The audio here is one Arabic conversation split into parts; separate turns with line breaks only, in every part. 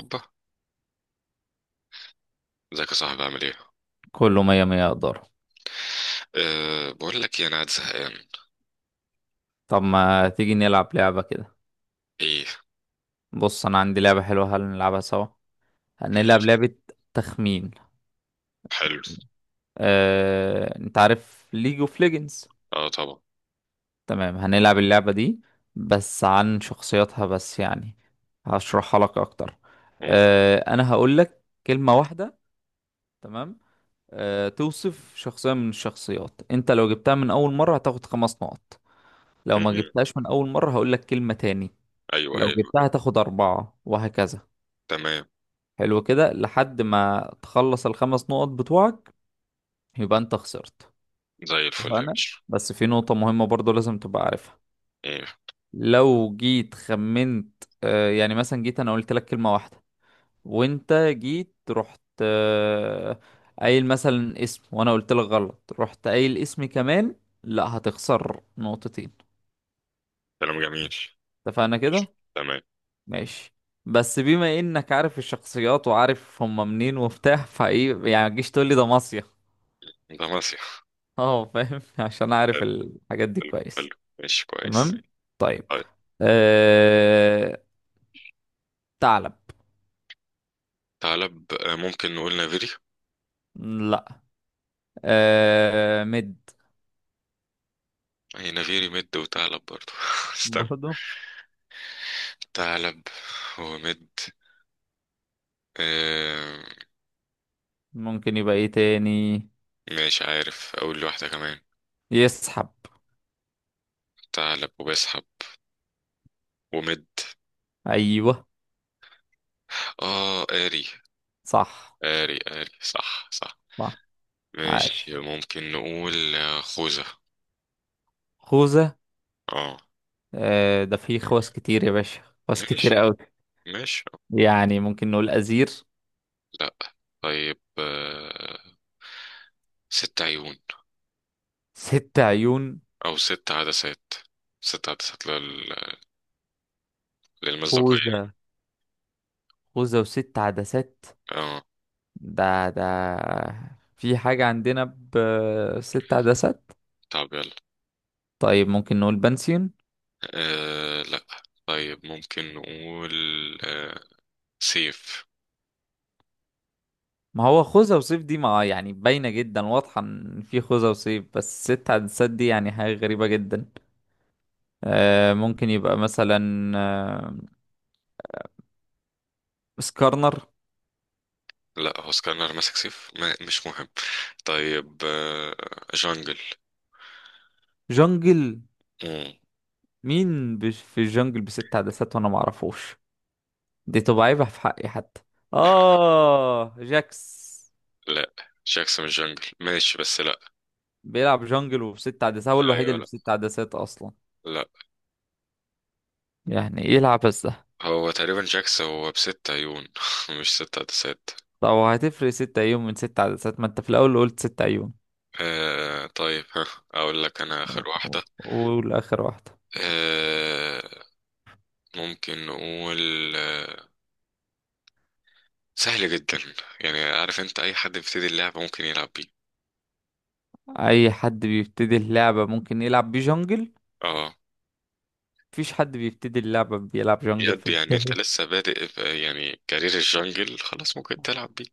اوبا، ازيك يا صاحبي؟ عامل ايه؟
كله مية مية اقدر.
بقول لك ايه، انا قاعد زهقان.
طب ما تيجي نلعب لعبة كده؟
ايه؟
بص، انا عندي لعبة حلوة، هل نلعبها سوا؟ هنلعب
ماشي.
لعبة تخمين.
حلو.
انت عارف ليج اوف ليجندز؟
اه، طبعا.
تمام، هنلعب اللعبة دي، بس عن شخصياتها بس يعني. هشرحها لك اكتر.
قول.
انا هقولك كلمة واحدة، تمام؟ توصف شخصية من الشخصيات، انت لو جبتها من اول مرة هتاخد خمس نقط، لو
م-
ما
م.
جبتهاش من اول مرة هقولك كلمة تاني،
ايوه،
لو
ايوه.
جبتها هتاخد اربعة وهكذا.
تمام.
حلو كده لحد ما تخلص الخمس نقط بتوعك، يبقى انت خسرت.
زي الفل يا
اتفقنا؟
باشا.
بس في نقطة مهمة برضو لازم تبقى عارفها.
ايه؟
لو جيت خمنت يعني مثلا، جيت انا قلت لك كلمة واحدة وانت جيت رحت قايل مثلا اسم، وانا قلت لك غلط، رحت قايل اسمي كمان، لا هتخسر نقطتين.
كلام جميل.
اتفقنا
ماشي.
كده؟
تمام.
ماشي. بس بما انك عارف الشخصيات وعارف هم منين وبتاع فايه، يعني ما تجيش تقول لي ده مصيف.
ده مسيح.
اه، فاهم عشان اعرف
حلو.
الحاجات دي
حلو،
كويس.
حلو. ماشي، كويس.
تمام. طيب.
طيب.
أه... ثعلب.
ثعلب، ممكن نقول نافيري؟
لا. مد.
هي نافيري مد وثعلب برضو استنى.
برضه.
ثعلب ومد. آه.
ممكن يبقى ايه تاني؟
مش عارف اقول واحدة كمان.
يسحب.
ثعلب وبسحب ومد.
ايوه.
اه قاري.
صح،
آري، آري، صح، صح.
صح. عارف.
ماشي، ممكن نقول خوذة.
خوذة.
اه.
ده فيه خواص كتير يا باشا، خواص كتير
ماشي،
قوي.
ماشي.
يعني ممكن نقول أزير.
لا. طيب، ست عيون،
ست عيون.
أو ست عدسات. ست عدسات للمصداقية.
خوذة. خوذة وست عدسات.
اه.
ده في حاجة عندنا بست عدسات.
طب يلا.
طيب ممكن نقول بنسيون.
لا. طيب، ممكن نقول آه سيف.
ما هو خوذة وسيف دي ما يعني باينة جدا، واضحة ان في خوذة وسيف، بس ست عدسات دي يعني حاجة غريبة جدا. ممكن يبقى مثلا، آه سكارنر.
لا، هو سكانر ماسك سيف، ما مش مهم. طيب، جانجل.
جنجل.
مم.
في الجنجل بست عدسات وانا معرفوش، دي تبقى عيبة في حقي حتى. اه جاكس.
لا، جاكسون الجانجل ماشي، بس لا.
بيلعب جنجل وبست عدسات، هو الوحيد
ايوه،
اللي
لا،
بست عدسات اصلا،
لا.
يعني يلعب بس ده.
هو تقريبا جاكس هو بست عيون. مش ست عدسات.
طب هتفرق 6 ايام من ست عدسات؟ ما انت في الاول قلت 6 ايام.
طيب، ها. اقول لك انا اخر واحدة.
والاخر واحدة.
آه. ممكن نقول سهل جدا. يعني عارف انت، اي حد بيبتدي اللعبة ممكن يلعب بيه.
اي حد بيبتدي اللعبة ممكن يلعب بجونجل،
اه،
مفيش حد بيبتدي اللعبة بيلعب جونجل
بجد، يعني انت
صحيح.
لسه بادئ يعني كارير الجنجل، خلاص ممكن تلعب بيه.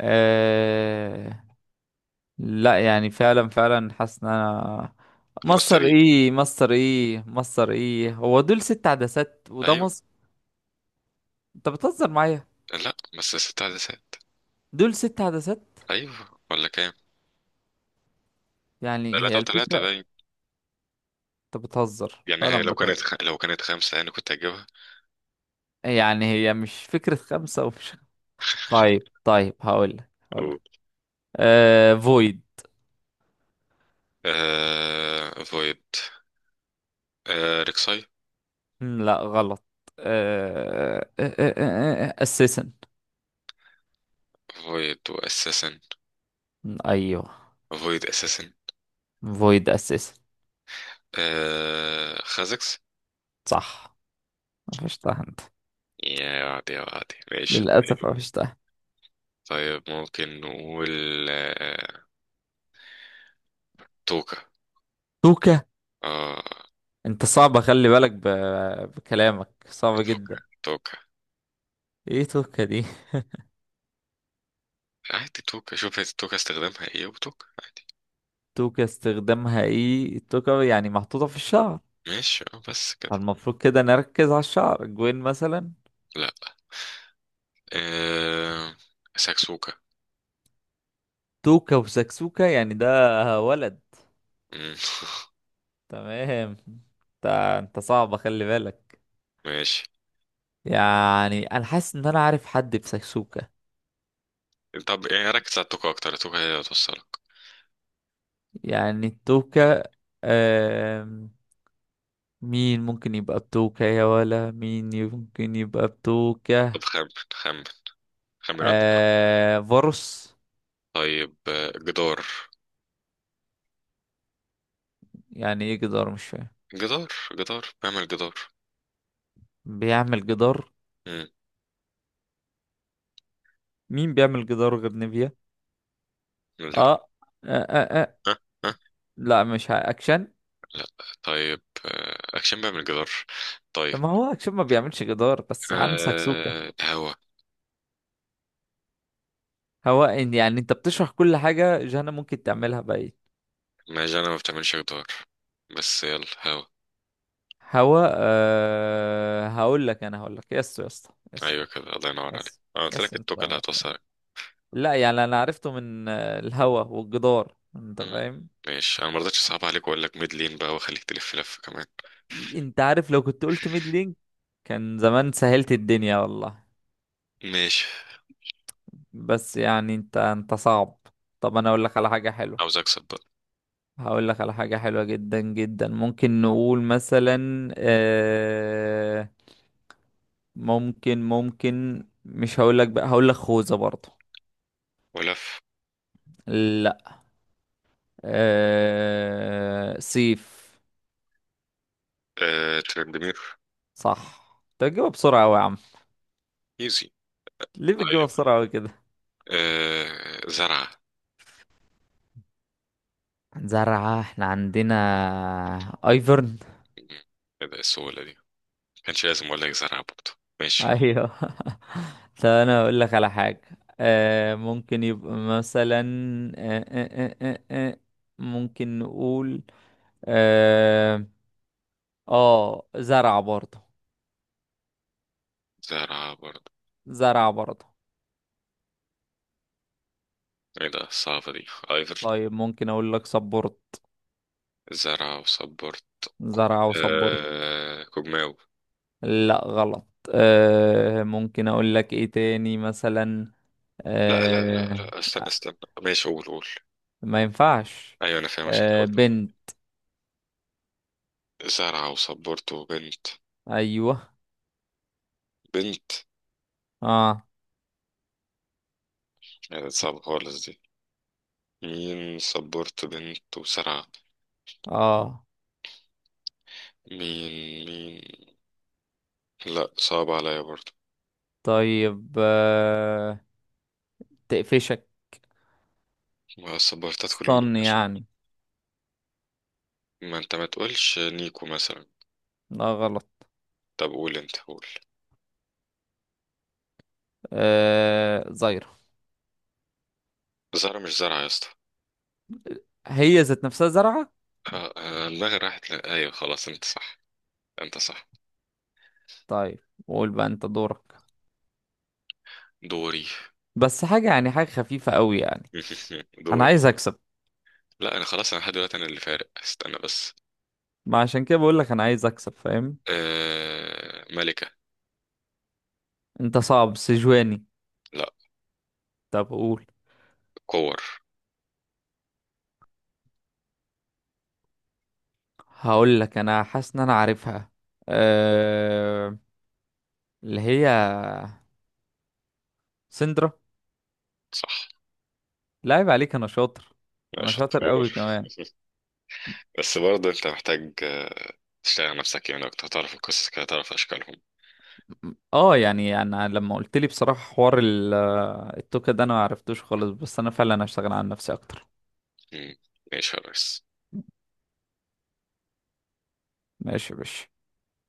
آه... لا يعني، فعلا فعلا حاسس ان انا مصر
مصري.
ايه مصر ايه مصر ايه، هو دول ست عدسات وده
ايوه.
مصر؟ انت بتهزر معايا.
لا بس ست عدسات.
دول ست عدسات.
ايوه، ولا كام؟
يعني
ثلاثة
هي
وثلاثة
الفكرة.
باين.
انت بتهزر
يعني هي
فعلا،
لو كانت
بتهزر.
لو كانت خمسة يعني كنت هجيبها.
يعني هي مش فكرة خمسة ومش... طيب، طيب. هقولك
قول.
هقولك فويد.
فويد. ريكساي.
لا، غلط. أه... أه... أه... أه... آه، آه، اساسا.
فويد واساسن.
ايوه.
فويد اساسن.
فويد اساسا.
خازكس.
صح. قفشتها انت.
يا عادي، عادي، ماشي،
للاسف
طيب،
قفشتها.
طيب. ممكن نقول آه توكا.
توكا.
اه،
انت صعبة، خلي بالك بكلامك، صعبة
توكا.
جدا.
توكا
ايه توكا دي؟
عادي، توكا شوف، هي توكا استخدامها ايه وتوكا عادي.
توكا، استخدامها ايه؟ توكا يعني محطوطة في الشعر،
ماشي، اه، بس كده.
فالمفروض كده نركز على الشعر جوين مثلا.
لا، آه ساكسوكا.
توكا وسكسوكا يعني ده ولد.
مم.
تمام. انت صعبة، خلي بالك.
ماشي.
يعني انا حاسس ان انا عارف حد بسكسوكا.
طب يعني ركز على توكا اكتر، توكا هي اللي هتوصلك.
يعني التوكة. آم، مين ممكن يبقى بتوكة؟ يا ولا مين ممكن يبقى
طب
بتوكة؟
خمن، خمن. خمن، رد.
فارس.
طيب، جدار.
يعني ايه جدار؟ مش فاهم.
جدار، جدار بعمل جدار.
بيعمل جدار.
مم.
مين بيعمل جدار غير نيفيا؟
لا.
آه. آه, آه, اه
أه. أه.
لا مش اكشن.
لا. طيب، أكشن بعمل جدار. طيب.
طب ما هو اكشن ما بيعملش جدار، بس عن سكسوكة.
هوا.
هواء يعني انت بتشرح كل حاجة جهنم ممكن تعملها بقى.
ماشي، أنا ما بتعملش جدار، بس يلا هوا.
هواء. هقول لك انا هقول لك يس يا اسطى، يس.
أيوة كده، الله ينور عليك،
يس،
أنا قلت لك
يس، انت
التوكة اللي
يعني.
هتوصلك.
لا يعني انا عرفته من الهوا والجدار، انت
مم.
فاهم.
ماشي، أنا مرضتش أصعب عليك وأقول لك ميد لين بقى وأخليك تلف لف كمان.
انت عارف لو كنت قلت ميد لينك كان زمان سهلت الدنيا والله.
ماشي.
بس يعني انت صعب. طب انا اقول لك على حاجة حلوة.
عاوز أكسب بقى.
هقول لك على حاجة حلوة جدا جدا. ممكن نقول مثلا ممكن مش هقول لك بقى، هقول لك خوذة برضه.
ولف.
لا. سيف.
ترندمير.
صح. انت بتجيبها بسرعة أوي يا عم.
إيزي.
ليه بتجيبها
طيب.
بسرعة أوي؟
زرعة.
عن زرعة احنا عندنا ايفرن.
مم. إيه ده السهولة دي؟ كانش لازم أقول لك زرعة برضه. ماشي.
ايوه طب انا اقول لك على حاجة. ممكن يبقى مثلا، آه آه آه آه آه، ممكن نقول، اه, زرعة برضه.
زرعة برضه.
زرعة برضه.
ايه ده الصعبة دي ايفر؟
طيب ممكن اقول لك سبورت.
زرعة وصبرت. كوج...
زرعة وسبورت.
كوجماو.
لا، غلط. ممكن اقول لك ايه تاني مثلا؟
لا، لا، لا،
آه
لا، استنى، استنى. ماشي، قول، قول.
ما ينفعش.
ايوه، انا فاهم، عشان كده قلت له.
بنت.
زرعة وصبرت وبنت.
ايوه،
بنت.
اه،
ايه ده صعبة خالص دي؟ مين صبرت بنت وزرعة؟
اه.
مين، مين؟ لا، صعب عليا برضه.
طيب. تقفشك.
ما الصبرتات كلهم
استن
بيكشوا.
يعني.
ما انت ما تقولش نيكو مثلا.
لا، غلط.
طب قول انت، قول.
زيرة.
زرعة مش زرعة يا اسطى.
هي ذات نفسها زرعة.
دماغي راحت ايوه، خلاص، انت صح. انت صح.
طيب، قول بقى، انت دورك.
دوري؟
بس حاجة يعني حاجة خفيفة قوي يعني، انا عايز
دوري.
اكسب.
لا، انا خلاص، انا لحد دلوقتي انا اللي فارق، استنى بس.
ما عشان كده بقول لك انا عايز اكسب، فاهم.
ملكة.
انت صعب سجواني.
لا.
طب قول.
كور.
هقول لك، انا حاسس ان انا عارفها. آه... اللي هي سندرا.
صح.
لا، عيب عليك، انا شاطر.
لا،
انا شاطر
شطور.
قوي كمان.
بس برضه انت محتاج تشتغل على نفسك يعني اكتر، تعرف القصص كده، تعرف اشكالهم.
اه يعني، انا لما قلت لي بصراحه حوار التوكة ده انا ما عرفتوش خالص، بس انا فعلا هشتغل على نفسي اكتر.
مم. ماشي يا ريس.
ماشي يا باشا.